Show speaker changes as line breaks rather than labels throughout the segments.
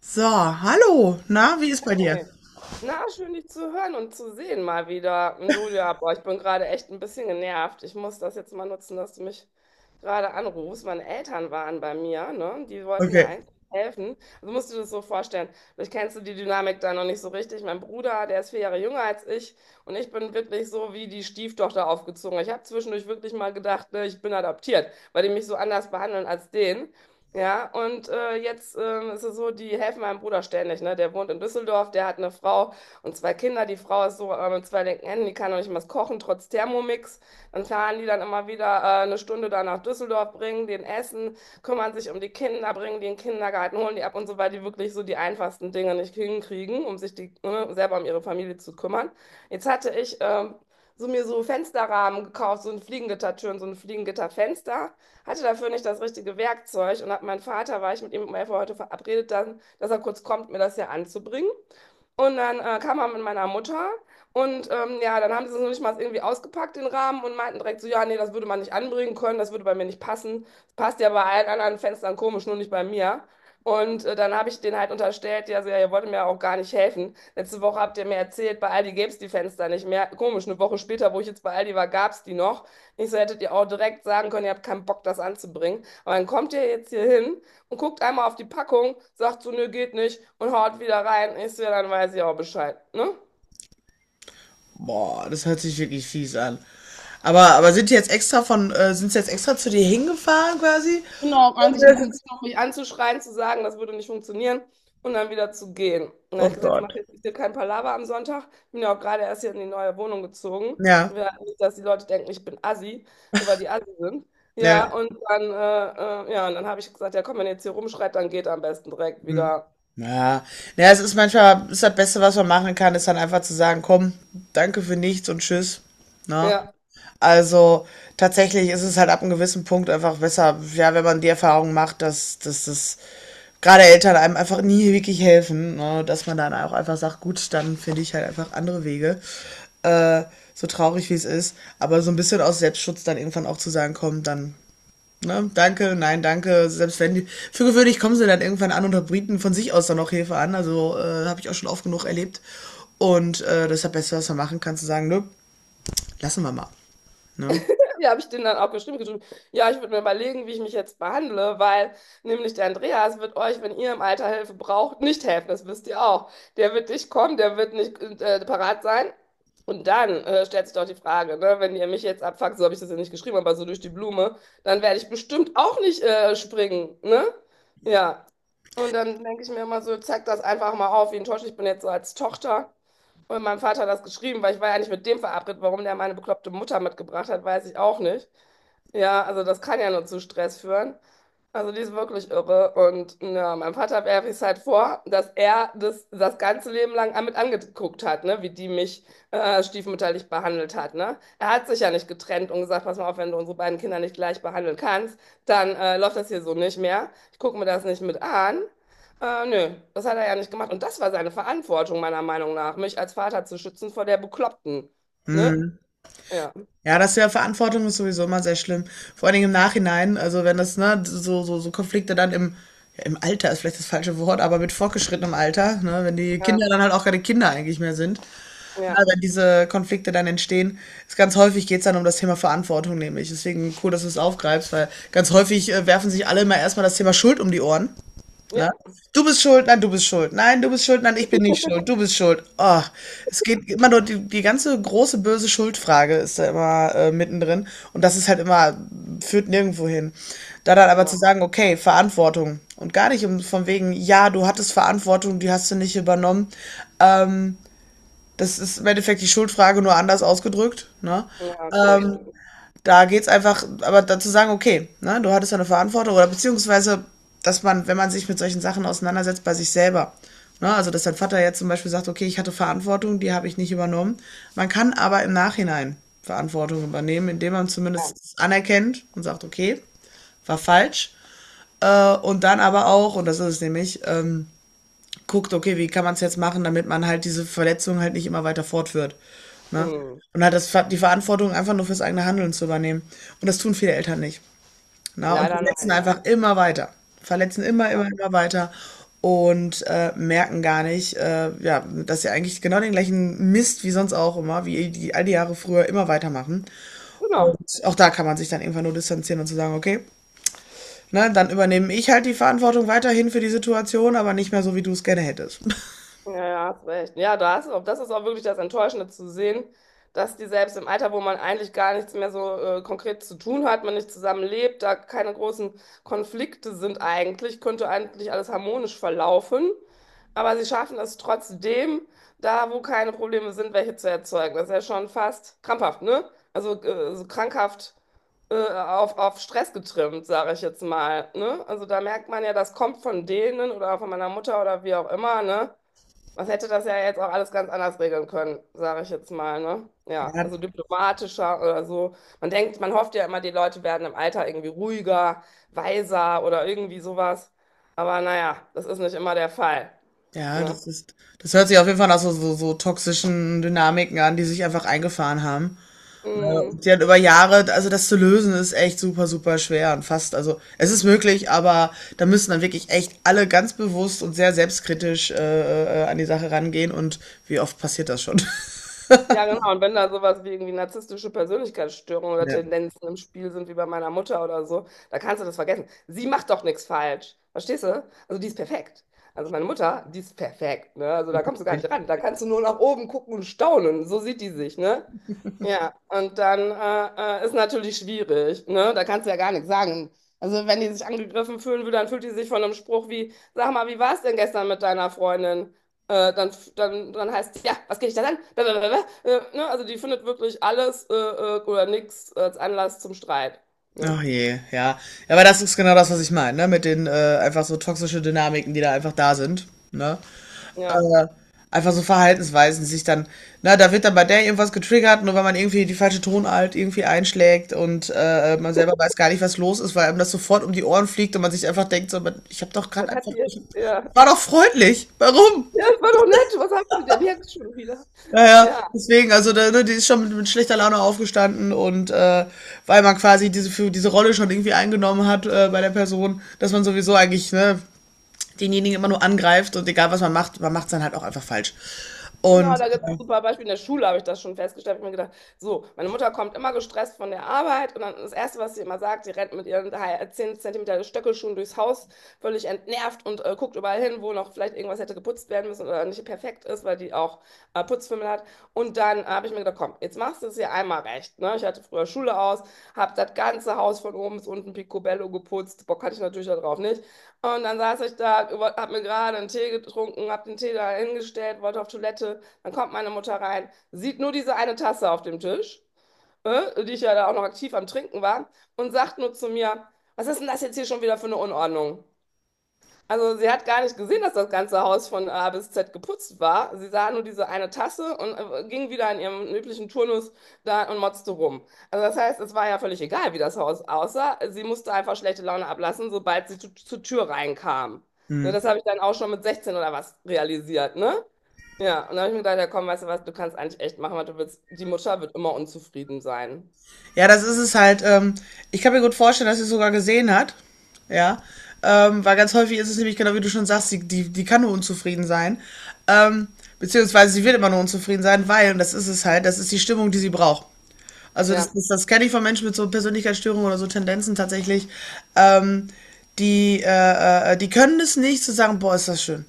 So, hallo. Na, wie ist bei dir?
Hey. Na, schön dich zu hören und zu sehen mal wieder. Und du, ja, boah, ich bin gerade echt ein bisschen genervt. Ich muss das jetzt mal nutzen, dass du mich gerade anrufst. Meine Eltern waren bei mir, ne? Die wollten mir
Okay.
eigentlich helfen. Also musst du dir das so vorstellen. Vielleicht kennst du die Dynamik da noch nicht so richtig. Mein Bruder, der ist vier Jahre jünger als ich und ich bin wirklich so wie die Stieftochter aufgezogen. Ich habe zwischendurch wirklich mal gedacht, ne, ich bin adoptiert, weil die mich so anders behandeln als den. Ja, und jetzt ist es so, die helfen meinem Bruder ständig, ne? Der wohnt in Düsseldorf, der hat eine Frau und zwei Kinder. Die Frau ist so mit zwei linken Händen, die kann noch nicht mal was kochen, trotz Thermomix. Dann fahren die dann immer wieder eine Stunde da nach Düsseldorf, bringen den Essen, kümmern sich um die Kinder, bringen die in den Kindergarten, holen die ab und so, weil die wirklich so die einfachsten Dinge nicht hinkriegen, um sich die, ne, selber um ihre Familie zu kümmern. Jetzt hatte ich so mir so Fensterrahmen gekauft, so ein Fliegengittertüren, so ein Fliegengitterfenster hatte dafür nicht das richtige Werkzeug und hab meinen Vater, war ich mit ihm um 11 Uhr heute verabredet, dann, dass er kurz kommt, mir das hier anzubringen. Und dann kam er mit meiner Mutter und ja, dann haben sie es noch nicht mal irgendwie ausgepackt, den Rahmen, und meinten direkt so, ja, nee, das würde man nicht anbringen können, das würde bei mir nicht passen. Das passt ja bei allen anderen Fenstern komisch, nur nicht bei mir. Und dann habe ich denen halt unterstellt, ja, so, ja, ihr wollt mir auch gar nicht helfen. Letzte Woche habt ihr mir erzählt, bei Aldi gäbe es die Fenster nicht mehr. Komisch, eine Woche später, wo ich jetzt bei Aldi war, gab es die noch. Ich so, hättet ihr auch direkt sagen können, ihr habt keinen Bock, das anzubringen. Aber dann kommt ihr jetzt hier hin und guckt einmal auf die Packung, sagt so, nö, geht nicht und haut wieder rein. Ich so, ja, dann weiß ich auch Bescheid, ne?
Boah, das hört sich wirklich fies an. Aber sind die jetzt extra von, sind sie jetzt extra zu dir hingefahren quasi?
Genau,
Und
eigentlich im
der
Prinzip.
sitzt.
Noch mich anzuschreien, zu sagen, das würde nicht funktionieren und dann wieder zu gehen. Und dann habe
Oh
ich gesagt, jetzt
Gott.
macht jetzt hier kein Palaver am Sonntag. Ich bin ja auch gerade erst hier in die neue Wohnung gezogen.
Ja,
Wir, nicht, dass die Leute denken, ich bin Assi, nur weil die Assi sind.
ja.
Ja, und dann habe ich gesagt, ja komm, wenn ihr jetzt hier rumschreit, dann geht am besten direkt
Hm.
wieder.
Ja. Ja, es ist manchmal, ist das Beste, was man machen kann, ist dann einfach zu sagen, komm, danke für nichts und tschüss. Na?
Ja.
Also tatsächlich ist es halt ab einem gewissen Punkt einfach besser, ja, wenn man die Erfahrung macht, dass, dass das gerade Eltern einem einfach nie wirklich helfen, ne? Dass man dann auch einfach sagt, gut, dann finde ich halt einfach andere Wege. Äh, so traurig wie es ist, aber so ein bisschen aus Selbstschutz dann irgendwann auch zu sagen, komm, dann, ne, danke, nein, danke, selbst wenn die, für gewöhnlich kommen sie dann irgendwann an und bieten von sich aus dann auch Hilfe an, also habe ich auch schon oft genug erlebt und das ist ja das Beste, was man machen kann, zu sagen, nö, lassen wir mal, ne.
Ja, habe ich denen dann auch geschrieben, geschrieben, ja, ich würde mir überlegen, wie ich mich jetzt behandle, weil nämlich der Andreas wird euch, wenn ihr im Alter Hilfe braucht, nicht helfen, das wisst ihr auch. Der wird nicht kommen, der wird nicht parat sein. Und dann stellt sich doch die Frage, ne, wenn ihr mich jetzt abfuckt, so habe ich das ja nicht geschrieben, aber so durch die Blume, dann werde ich bestimmt auch nicht springen, ne? Ja. Und dann denke ich mir immer so, zeig das einfach mal auf, wie enttäuscht ich bin jetzt so als Tochter. Und mein Vater hat das geschrieben, weil ich war ja nicht mit dem verabredet. Warum der meine bekloppte Mutter mitgebracht hat, weiß ich auch nicht. Ja, also das kann ja nur zu Stress führen. Also die ist wirklich irre. Und ja, meinem Vater werfe ich es halt vor, dass er das ganze Leben lang mit angeguckt hat, ne? Wie die mich stiefmütterlich behandelt hat, ne? Er hat sich ja nicht getrennt und gesagt, pass mal auf, wenn du unsere beiden Kinder nicht gleich behandeln kannst, dann läuft das hier so nicht mehr. Ich gucke mir das nicht mit an. Nö, das hat er ja nicht gemacht. Und das war seine Verantwortung, meiner Meinung nach, mich als Vater zu schützen vor der Bekloppten. Ne?
Hm.
Ja.
Ja, das ist ja, Verantwortung ist sowieso immer sehr schlimm. Vor allen Dingen im Nachhinein, also wenn das, ne, so, so, so Konflikte dann im, ja, im Alter ist vielleicht das falsche Wort, aber mit fortgeschrittenem Alter, ne, wenn die Kinder
Ja,
dann halt auch keine Kinder eigentlich mehr sind, ne,
ja,
wenn diese Konflikte dann entstehen, ist ganz häufig, geht's dann um das Thema Verantwortung nämlich. Deswegen cool, dass du es aufgreifst, weil ganz häufig werfen sich alle immer erstmal das Thema Schuld um die Ohren. Ne?
ja,
Du bist schuld, nein, du bist schuld, nein, du bist schuld, nein, ich bin nicht schuld, du bist schuld. Oh, es geht immer nur, die, die ganze große böse Schuldfrage ist da immer mittendrin und das ist halt immer, führt nirgendwo hin. Da dann aber zu
genau.
sagen, okay, Verantwortung und gar nicht um, von wegen, ja, du hattest Verantwortung, die hast du nicht übernommen. Ähm, Das ist im Endeffekt die Schuldfrage nur anders ausgedrückt, ne?
Ja, okay, das
Ähm,
stimmt.
Da geht's einfach, aber dazu sagen, okay, ne, du hattest ja eine Verantwortung oder beziehungsweise, dass man, wenn man sich mit solchen Sachen auseinandersetzt, bei sich selber. Ne, also, dass dein Vater jetzt zum Beispiel sagt, okay, ich hatte Verantwortung, die habe ich nicht übernommen. Man kann aber im Nachhinein Verantwortung übernehmen, indem man
Ja.
zumindest anerkennt und sagt, okay, war falsch. Und dann aber auch, und das ist es nämlich, guckt, okay, wie kann man es jetzt machen, damit man halt diese Verletzung halt nicht immer weiter fortführt. Ne?
Hm.
Und halt das, die Verantwortung einfach nur fürs eigene Handeln zu übernehmen. Und das tun viele Eltern nicht. Ne? Und
Leider nein,
verletzen
ja.
einfach immer weiter. Verletzen immer, immer,
Aber,
immer weiter und merken gar nicht, ja, dass sie eigentlich genau den gleichen Mist wie sonst auch immer, wie die all die Jahre früher immer weitermachen.
genau.
Und auch da kann man sich dann irgendwann nur distanzieren und zu sagen, okay, ne, dann übernehme ich halt die Verantwortung weiterhin für die Situation, aber nicht mehr so, wie du es gerne hättest.
Ja, ja, hast recht. Ja, da hast, das ist auch wirklich das Enttäuschende zu sehen, dass die selbst im Alter, wo man eigentlich gar nichts mehr so konkret zu tun hat, man nicht zusammenlebt, da keine großen Konflikte sind eigentlich, könnte eigentlich alles harmonisch verlaufen. Aber sie schaffen es trotzdem, da wo keine Probleme sind, welche zu erzeugen. Das ist ja schon fast krampfhaft, ne? Also so krankhaft auf Stress getrimmt, sage ich jetzt mal, ne? Also da merkt man ja, das kommt von denen oder von meiner Mutter oder wie auch immer, ne? Was hätte das ja jetzt auch alles ganz anders regeln können, sage ich jetzt mal, ne? Ja,
Ja,
also diplomatischer oder so. Man denkt, man hofft ja immer, die Leute werden im Alter irgendwie ruhiger, weiser oder irgendwie sowas. Aber naja, das ist nicht immer der Fall,
ja,
ne?
das ist, das hört sich auf jeden Fall nach so, so, so toxischen Dynamiken an, die sich einfach eingefahren haben. Ne,
Mm.
und die dann über Jahre, also das zu lösen, ist echt super, super schwer und fast, also es ist möglich, aber da müssen dann wirklich echt alle ganz bewusst und sehr selbstkritisch an die Sache rangehen und wie oft passiert das schon?
Ja, genau. Und wenn da sowas wie irgendwie narzisstische Persönlichkeitsstörungen oder
Ja.
Tendenzen im Spiel sind, wie bei meiner Mutter oder so, da kannst du das vergessen. Sie macht doch nichts falsch. Verstehst du? Also die ist perfekt. Also meine Mutter, die ist perfekt, ne? Also da kommst du gar nicht ran. Da kannst du nur nach oben gucken und staunen. So sieht die sich, ne? Ja, und dann ist natürlich schwierig, ne? Da kannst du ja gar nichts sagen. Also wenn die sich angegriffen fühlen würde, dann fühlt die sich von einem Spruch wie, sag mal, wie war es denn gestern mit deiner Freundin? Dann heißt es, ja, was geht dich das an? Blablabla. Ne? Also die findet wirklich alles oder nichts als Anlass zum Streit. Ne?
Ach je, ja. Ja, aber das ist genau das, was ich meine, ne? Mit den einfach so toxische Dynamiken, die da einfach da sind, ne?
Ja.
Äh, Einfach so Verhaltensweisen sich dann, na, da wird dann bei der irgendwas getriggert, nur weil man irgendwie die falsche Tonart irgendwie einschlägt und man selber weiß gar nicht, was los ist, weil einem das sofort um die Ohren fliegt und man sich einfach denkt, so, ich habe doch gerade
Was hat
einfach,
die
ich
jetzt? Ja.
war doch freundlich, warum?
Ja, das war doch nett. Was haben sie denn jetzt schon wieder?
Naja,
Ja.
deswegen, also da, ne, die ist schon mit schlechter Laune aufgestanden und weil man quasi diese, für diese Rolle schon irgendwie eingenommen hat bei der Person, dass man sowieso eigentlich, ne, denjenigen immer nur angreift und egal was man macht es dann halt auch einfach falsch.
Genau,
Und
da gibt es ein super Beispiele. In der Schule habe ich das schon festgestellt. Ich habe mir gedacht, so, meine Mutter kommt immer gestresst von der Arbeit und dann das Erste, was sie immer sagt, sie rennt mit ihren 10 Zentimeter Stöckelschuhen durchs Haus, völlig entnervt und guckt überall hin, wo noch vielleicht irgendwas hätte geputzt werden müssen oder nicht perfekt ist, weil die auch Putzfimmel hat. Und dann habe ich mir gedacht, komm, jetzt machst du es hier einmal recht. Ne? Ich hatte früher Schule aus, habe das ganze Haus von oben bis unten picobello geputzt. Bock hatte ich natürlich darauf nicht. Und dann saß ich da, habe mir gerade einen Tee getrunken, habe den Tee da hingestellt, wollte auf Toilette. Dann kommt meine Mutter rein, sieht nur diese eine Tasse auf dem Tisch, die ich ja da auch noch aktiv am Trinken war, und sagt nur zu mir, was ist denn das jetzt hier schon wieder für eine Unordnung? Also sie hat gar nicht gesehen, dass das ganze Haus von A bis Z geputzt war. Sie sah nur diese eine Tasse und ging wieder in ihrem üblichen Turnus da und motzte rum. Also das heißt, es war ja völlig egal, wie das Haus aussah. Sie musste einfach schlechte Laune ablassen, sobald sie zur Tür reinkam. Ne, das
hm.
habe ich dann auch schon mit 16 oder was realisiert, ne? Ja, und dann habe ich mir gedacht, ja komm, weißt du was, du kannst eigentlich echt machen, was du willst. Die Mutter wird immer unzufrieden sein.
Ja, das ist es halt. Ich kann mir gut vorstellen, dass sie es sogar gesehen hat. Ja. Weil ganz häufig ist es nämlich genau wie du schon sagst, die, die, die kann nur unzufrieden sein. Ähm, Beziehungsweise sie wird immer nur unzufrieden sein, weil, und das ist es halt, das ist die Stimmung, die sie braucht. Also das,
Ja,
das, das kenne ich von Menschen mit so Persönlichkeitsstörungen oder so Tendenzen tatsächlich. Ähm, Die, die können es nicht zu sagen, boah, ist das schön.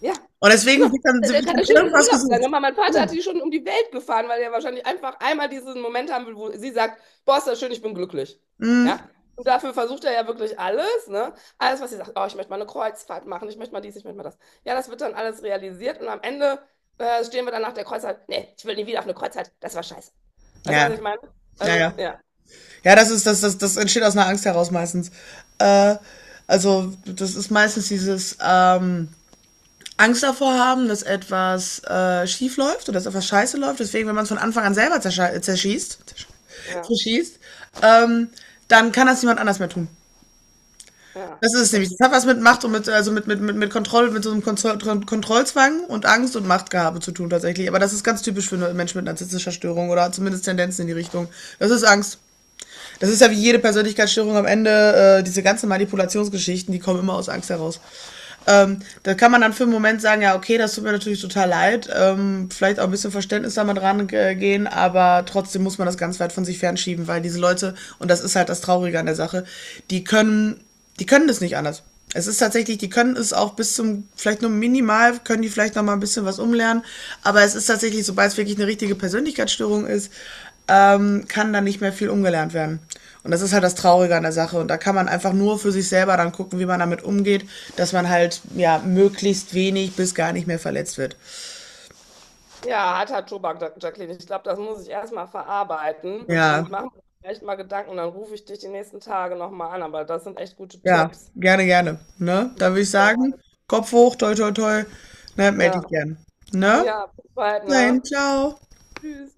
ja,
Und deswegen
genau. Der,
wird
der kann der
dann
schönste
irgendwas
Urlaub sein.
gesucht.
Hör mal, mein Vater hat
Genau.
die schon um die Welt gefahren, weil er wahrscheinlich einfach einmal diesen Moment haben will, wo sie sagt, boah, ist das schön, ich bin glücklich. Ja? Und dafür versucht er ja wirklich alles, ne? Alles, was sie sagt, oh, ich möchte mal eine Kreuzfahrt machen, ich möchte mal dies, ich möchte mal das. Ja, das wird dann alles realisiert und am Ende stehen wir dann nach der Kreuzfahrt, nee, ich will nie wieder auf eine Kreuzfahrt, das war scheiße. Weißt du, was
Ja,
ich meine?
ja,
Also,
ja.
ja,
Ja, das ist, das, das, das entsteht aus einer Angst heraus meistens. Äh, also, das ist meistens dieses Angst davor haben, dass etwas schief läuft oder dass etwas scheiße läuft. Deswegen, wenn man es von Anfang an selber zerschießt,
ja,
zerschießt, ähm, dann kann das niemand anders mehr tun.
ja,
Das ist es
das
nämlich. Das hat
stimmt.
was mit Macht und mit, also mit, mit Kontrolle, mit so einem Kontrollzwang und Angst und Machtgehabe zu tun tatsächlich. Aber das ist ganz typisch für Menschen mit narzisstischer Störung oder zumindest Tendenzen in die Richtung. Das ist Angst. Das ist ja wie jede Persönlichkeitsstörung am Ende, diese ganzen Manipulationsgeschichten, die kommen immer aus Angst heraus. Da kann man dann für einen Moment sagen, ja, okay, das tut mir natürlich total leid, vielleicht auch ein bisschen Verständnis damit rangehen, aber trotzdem muss man das ganz weit von sich fernschieben, weil diese Leute, und das ist halt das Traurige an der Sache, die können, die können das nicht anders. Es ist tatsächlich, die können es auch bis zum, vielleicht nur minimal, können die vielleicht noch mal ein bisschen was umlernen, aber es ist tatsächlich, sobald es wirklich eine richtige Persönlichkeitsstörung ist, kann da nicht mehr viel umgelernt werden. Und das ist halt das Traurige an der Sache. Und da kann man einfach nur für sich selber dann gucken, wie man damit umgeht, dass man halt ja möglichst wenig bis gar nicht mehr verletzt wird.
Ja, harter Tobak, Jacqueline. Ich glaube, das muss ich erstmal verarbeiten
Ja,
und machen mir vielleicht mal Gedanken. Dann rufe ich dich die nächsten Tage nochmal an. Aber das sind echt gute
ja,
Tipps.
gerne, gerne. Ne? Da
Die-
würde ich sagen, Kopf hoch, toi, toi, toi. Ne, melde
Ja,
dich gern. Ne?
ja, bis bald,
Nein
ne?
dahin, ciao.
Tschüss.